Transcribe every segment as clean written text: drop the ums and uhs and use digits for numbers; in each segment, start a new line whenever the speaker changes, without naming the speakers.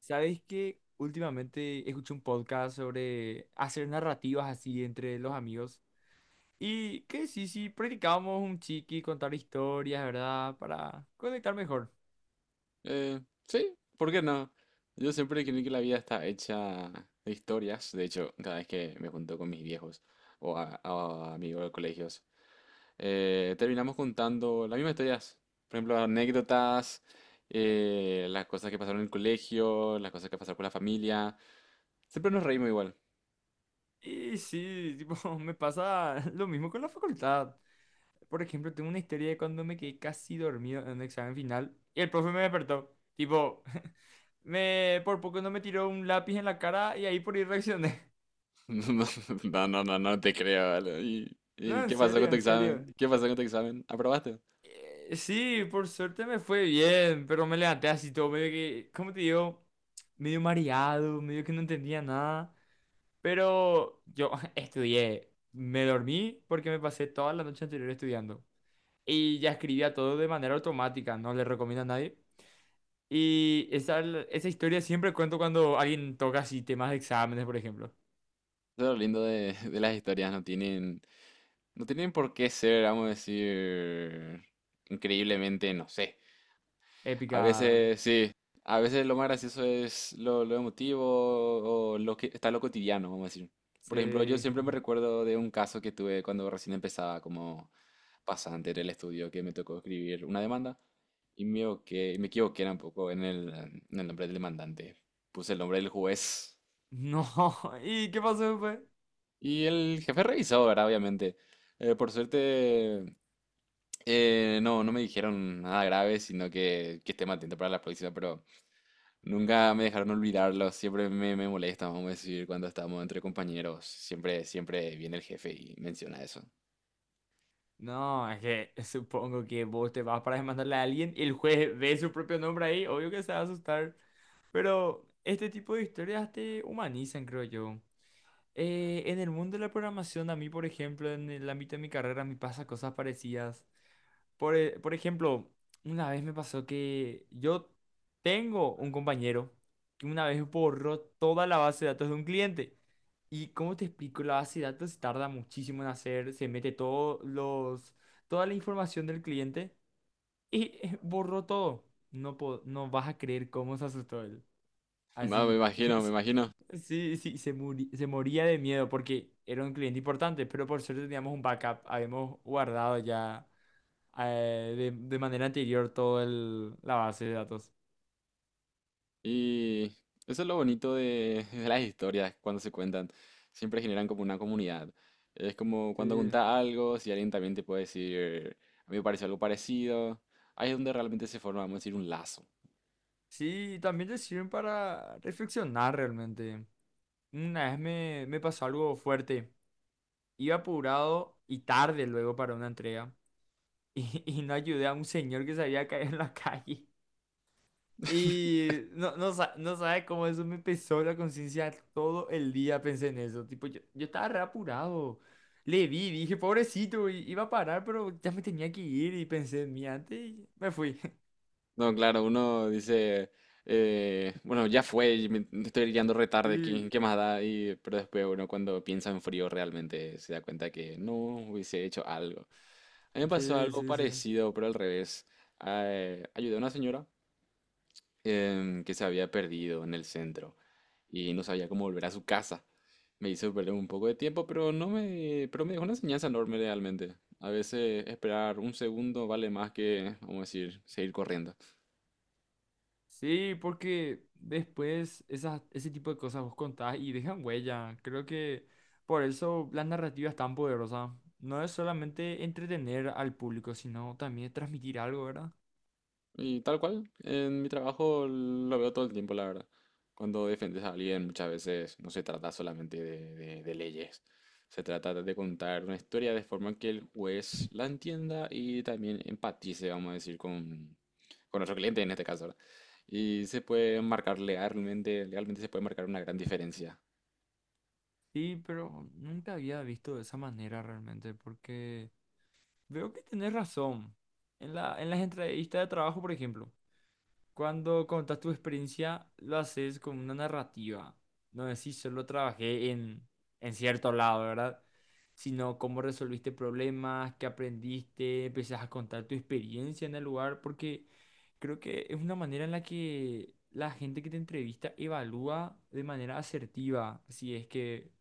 ¿Sabes que Últimamente escuché un podcast sobre hacer narrativas así entre los amigos. Y que sí, sí, practicábamos un chiqui, contar historias, ¿verdad? Para conectar mejor.
Eh, sí, ¿por qué no? Yo siempre creí que la vida está hecha de historias. De hecho, cada vez que me junto con mis viejos o a amigos de colegios, terminamos contando las mismas historias. Por ejemplo, anécdotas, las cosas que pasaron en el colegio, las cosas que pasaron con la familia. Siempre nos reímos igual.
Y sí, tipo, me pasa lo mismo con la facultad. Por ejemplo, tengo una historia de cuando me quedé casi dormido en un examen final y el profe me despertó. Tipo, me por poco no me tiró un lápiz en la cara y ahí por ahí reaccioné.
No, no, no, no te creo. Ale. ¿Y,
No,
y
en
qué pasó con
serio,
tu
en serio.
examen? ¿Qué pasó con tu examen? ¿Aprobaste? Eso
Sí, por suerte me fue bien, pero me levanté así todo, medio que, ¿cómo te digo? Medio mareado, medio que no entendía nada. Pero yo estudié, me dormí porque me pasé toda la noche anterior estudiando. Y ya escribía todo de manera automática, no le recomiendo a nadie. Y esa historia siempre cuento cuando alguien toca así temas de exámenes, por ejemplo.
es lo lindo de las historias, no tienen. No tienen por qué ser, vamos a decir, increíblemente, no sé. A
Épica.
veces sí, a veces lo más gracioso es lo emotivo o lo que está lo cotidiano, vamos a decir. Por ejemplo, yo
Sí.
siempre me recuerdo de un caso que tuve cuando recién empezaba como pasante en el estudio, que me tocó escribir una demanda y me equivoqué un poco en en el nombre del demandante. Puse el nombre del juez
No, ¿y qué pasó después?
y el jefe revisó, ¿verdad? Obviamente. Por suerte, no, no me dijeron nada grave, sino que esté más atento para la próxima, pero nunca me dejaron olvidarlo, siempre me, me molesta, vamos a decir, cuando estamos entre compañeros, siempre, siempre viene el jefe y menciona eso.
No, es que supongo que vos te vas para demandarle a alguien y el juez ve su propio nombre ahí, obvio que se va a asustar, pero este tipo de historias te humanizan, creo yo. En el mundo de la programación, a mí, por ejemplo, en el ámbito de mi carrera, me pasa cosas parecidas. Por ejemplo, una vez me pasó que yo tengo un compañero que una vez borró toda la base de datos de un cliente. Y cómo te explico, la base de datos si tarda muchísimo en hacer, se mete todos los, toda la información del cliente y borró todo. No, no vas a creer cómo se asustó él.
No, me
Así,
imagino, me
es-
imagino.
sí, sí, se moría de miedo porque era un cliente importante, pero por suerte teníamos un backup, habíamos guardado ya de manera anterior todo el, la base de datos.
Y eso es lo bonito de, de las historias cuando se cuentan, siempre generan como una comunidad. Es como cuando
Sí,
contás algo, si alguien también te puede decir, a mí me pareció algo parecido, ahí es donde realmente se forma, vamos a decir, un lazo.
sí, y también te sirven para reflexionar realmente. Una vez me, me pasó algo fuerte. Iba apurado y tarde luego para una entrega y no ayudé a un señor que se había caído en la calle. Y no, no, no sabe cómo eso me pesó la conciencia todo el día, pensé en eso. Tipo, yo estaba re apurado. Le vi, dije, pobrecito, iba a parar, pero ya me tenía que ir y pensé en mí antes y me fui.
No, claro, uno dice, bueno, ya fue, y me estoy guiando re tarde,
Sí,
¿qué, qué más da? Y, pero después uno cuando piensa en frío realmente se da cuenta que no hubiese hecho algo. A mí me pasó
sí,
algo
sí, sí.
parecido, pero al revés. Ayudé a una señora que se había perdido en el centro y no sabía cómo volver a su casa. Me hizo perder un poco de tiempo, pero no me, pero me dejó una enseñanza enorme realmente. A veces esperar un segundo vale más que, vamos a decir, seguir corriendo.
Sí, porque después esas, ese tipo de cosas vos contás y dejan huella. Creo que por eso las narrativas tan poderosas. No es solamente entretener al público, sino también transmitir algo, ¿verdad?
Y tal cual, en mi trabajo lo veo todo el tiempo, la verdad. Cuando defiendes a alguien, muchas veces no se trata solamente de, de leyes, se trata de contar una historia de forma que el juez la entienda y también empatice, vamos a decir, con nuestro cliente en este caso, ¿verdad? Y se puede marcar legalmente, legalmente se puede marcar una gran diferencia.
Sí, pero nunca había visto de esa manera realmente, porque veo que tenés razón. En la, en las entrevistas de trabajo, por ejemplo. Cuando contas tu experiencia, lo haces con una narrativa. No decís solo trabajé en cierto lado, ¿verdad? Sino cómo resolviste problemas, qué aprendiste, empezás a contar tu experiencia en el lugar, porque creo que es una manera en la que la gente que te entrevista evalúa de manera asertiva si es que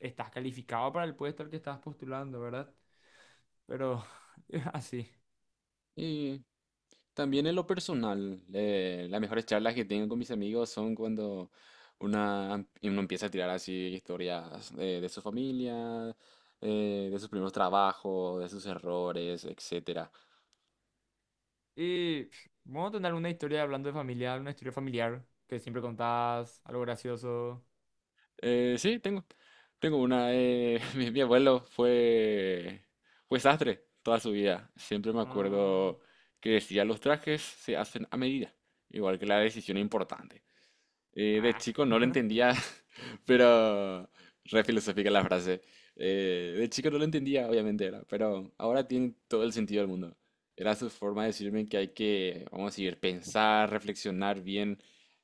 estás calificado para el puesto al que estás postulando, ¿verdad? Pero es así.
También en lo personal, las mejores charlas que tengo con mis amigos son cuando uno empieza a tirar así historias de su familia, de sus primeros trabajos, de sus errores, etcétera.
Y pf, vamos a tener una historia hablando de familia, una historia familiar que siempre contás, algo gracioso.
Sí, tengo, tengo una. Mi mi abuelo fue, fue sastre toda su vida. Siempre me
Mm,
acuerdo que decía, los trajes se hacen a medida, igual que la decisión importante. De
ah.
chico no lo entendía, pero re filosófica la frase. De chico no lo entendía, obviamente era, pero ahora tiene todo el sentido del mundo. Era su forma de decirme que hay que, vamos a decir, pensar, reflexionar bien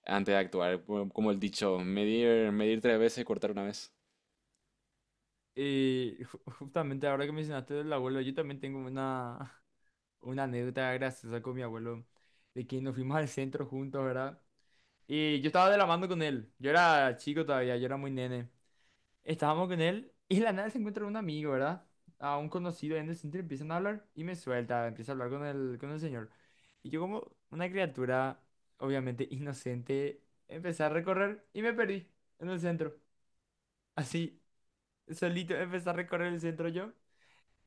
antes de actuar. Como el dicho, medir, medir 3 veces y cortar una vez.
Y justamente ahora que mencionaste del abuelo, yo también tengo una, una anécdota graciosa con mi abuelo, de que nos fuimos al centro juntos, ¿verdad? Y yo estaba de la mano con él, yo era chico todavía, yo era muy nene. Estábamos con él y de la nada se encuentra un amigo, ¿verdad? A un conocido en el centro empiezan a hablar y me suelta, empieza a hablar con el señor. Y yo como una criatura, obviamente inocente, empecé a recorrer y me perdí en el centro. Así, solito empecé a recorrer el centro yo.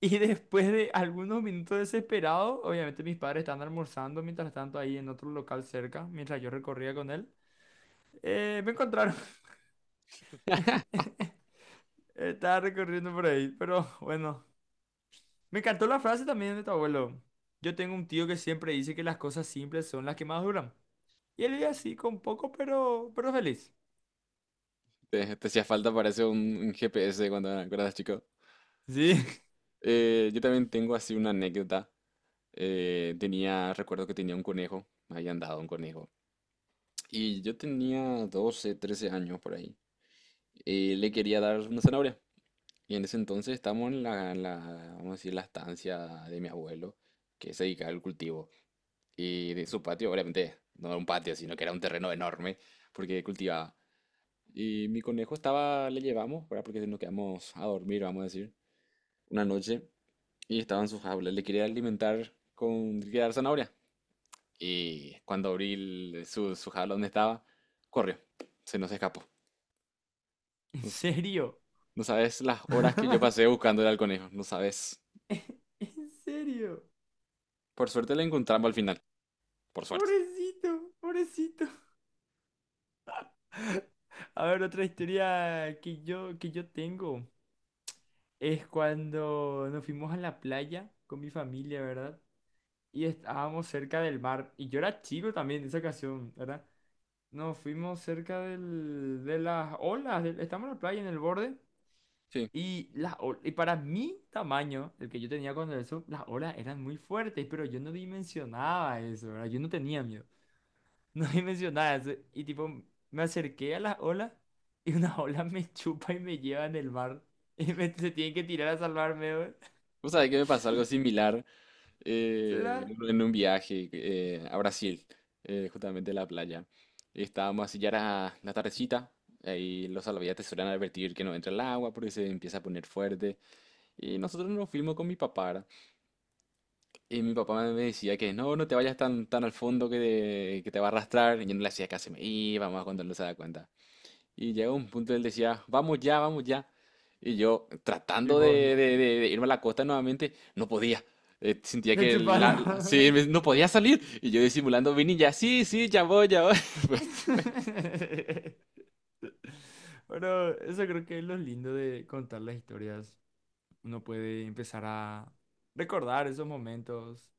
Y después de algunos minutos desesperados, obviamente mis padres estaban almorzando mientras tanto ahí en otro local cerca, mientras yo recorría con él, me encontraron. Estaba recorriendo por ahí, pero bueno. Me encantó la frase también de tu abuelo. Yo tengo un tío que siempre dice que las cosas simples son las que más duran. Y él vive así, con poco, pero feliz.
Te hacía falta, parece un GPS cuando eras chico.
Sí.
Yo también tengo así una anécdota. Tenía, recuerdo que tenía un conejo, me habían dado un conejo. Y yo tenía 12 13 años por ahí. Le quería dar una zanahoria. Y en ese entonces estamos en vamos a decir, la estancia de mi abuelo, que se dedicaba al cultivo. Y de su patio, obviamente, no era un patio, sino que era un terreno enorme, porque cultivaba. Y mi conejo estaba, le llevamos, ¿verdad? Porque nos quedamos a dormir, vamos a decir, una noche. Y estaba en su jaula. Le quería alimentar con, le quería dar zanahoria. Y cuando abrí su, su jaula donde estaba, corrió. Se nos escapó.
¿En serio?
No sabes las horas que yo pasé buscándole al conejo, no sabes.
¿En serio?
Por suerte lo encontramos al final, por suerte.
Pobrecito, pobrecito. A ver, otra historia que yo tengo es cuando nos fuimos a la playa con mi familia, ¿verdad? Y estábamos cerca del mar. Y yo era chico también en esa ocasión, ¿verdad? Nos fuimos cerca del, de las olas, estamos en la playa en el borde
Sí.
y, las, y para mi tamaño, el que yo tenía cuando eso, las olas eran muy fuertes, pero yo no dimensionaba eso, ¿verdad? Yo no tenía miedo, no dimensionaba eso y tipo me acerqué a las olas y una ola me chupa y me lleva en el mar y me, se tienen que tirar a salvarme, güey.
Vos sabés que me pasó algo similar
¿Será?
en un viaje a Brasil, justamente a la playa. Estábamos así ya era la tardecita, ahí los salvavidas te suelen advertir que no entra el agua porque se empieza a poner fuerte. Y nosotros nos fuimos con mi papá, ¿verdad? Y mi papá me decía que no, no te vayas tan, tan al fondo que te va a arrastrar. Y yo no le hacía caso, me iba, más cuando no se da cuenta. Y llega un punto, él decía, vamos ya, vamos ya. Y yo, tratando de,
Tipo,
de irme a la costa nuevamente, no podía. Sentía
me
que
chuparon.
sí, no podía salir. Y yo disimulando, vine y ya, sí, sí, ya voy, ya voy.
Pero eso creo que es lo lindo de contar las historias. Uno puede empezar a recordar esos momentos.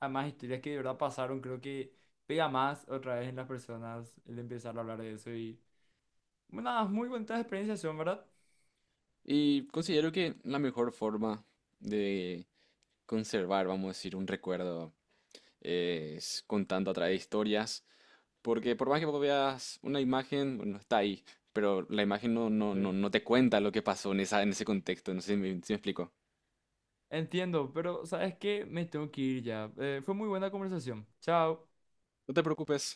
Además, historias que de verdad pasaron, creo que pega más otra vez en las personas el empezar a hablar de eso. Y bueno, nada, muy bonitas experiencias son, ¿verdad?
Y considero que la mejor forma de conservar, vamos a decir, un recuerdo es contando a través de historias. Porque por más que vos veas una imagen, bueno, está ahí. Pero la imagen no, no, no,
Sí.
no te cuenta lo que pasó en esa, en ese contexto. No sé si me explico.
Entiendo, pero ¿sabes qué? Me tengo que ir ya. Fue muy buena conversación. Chao.
No te preocupes.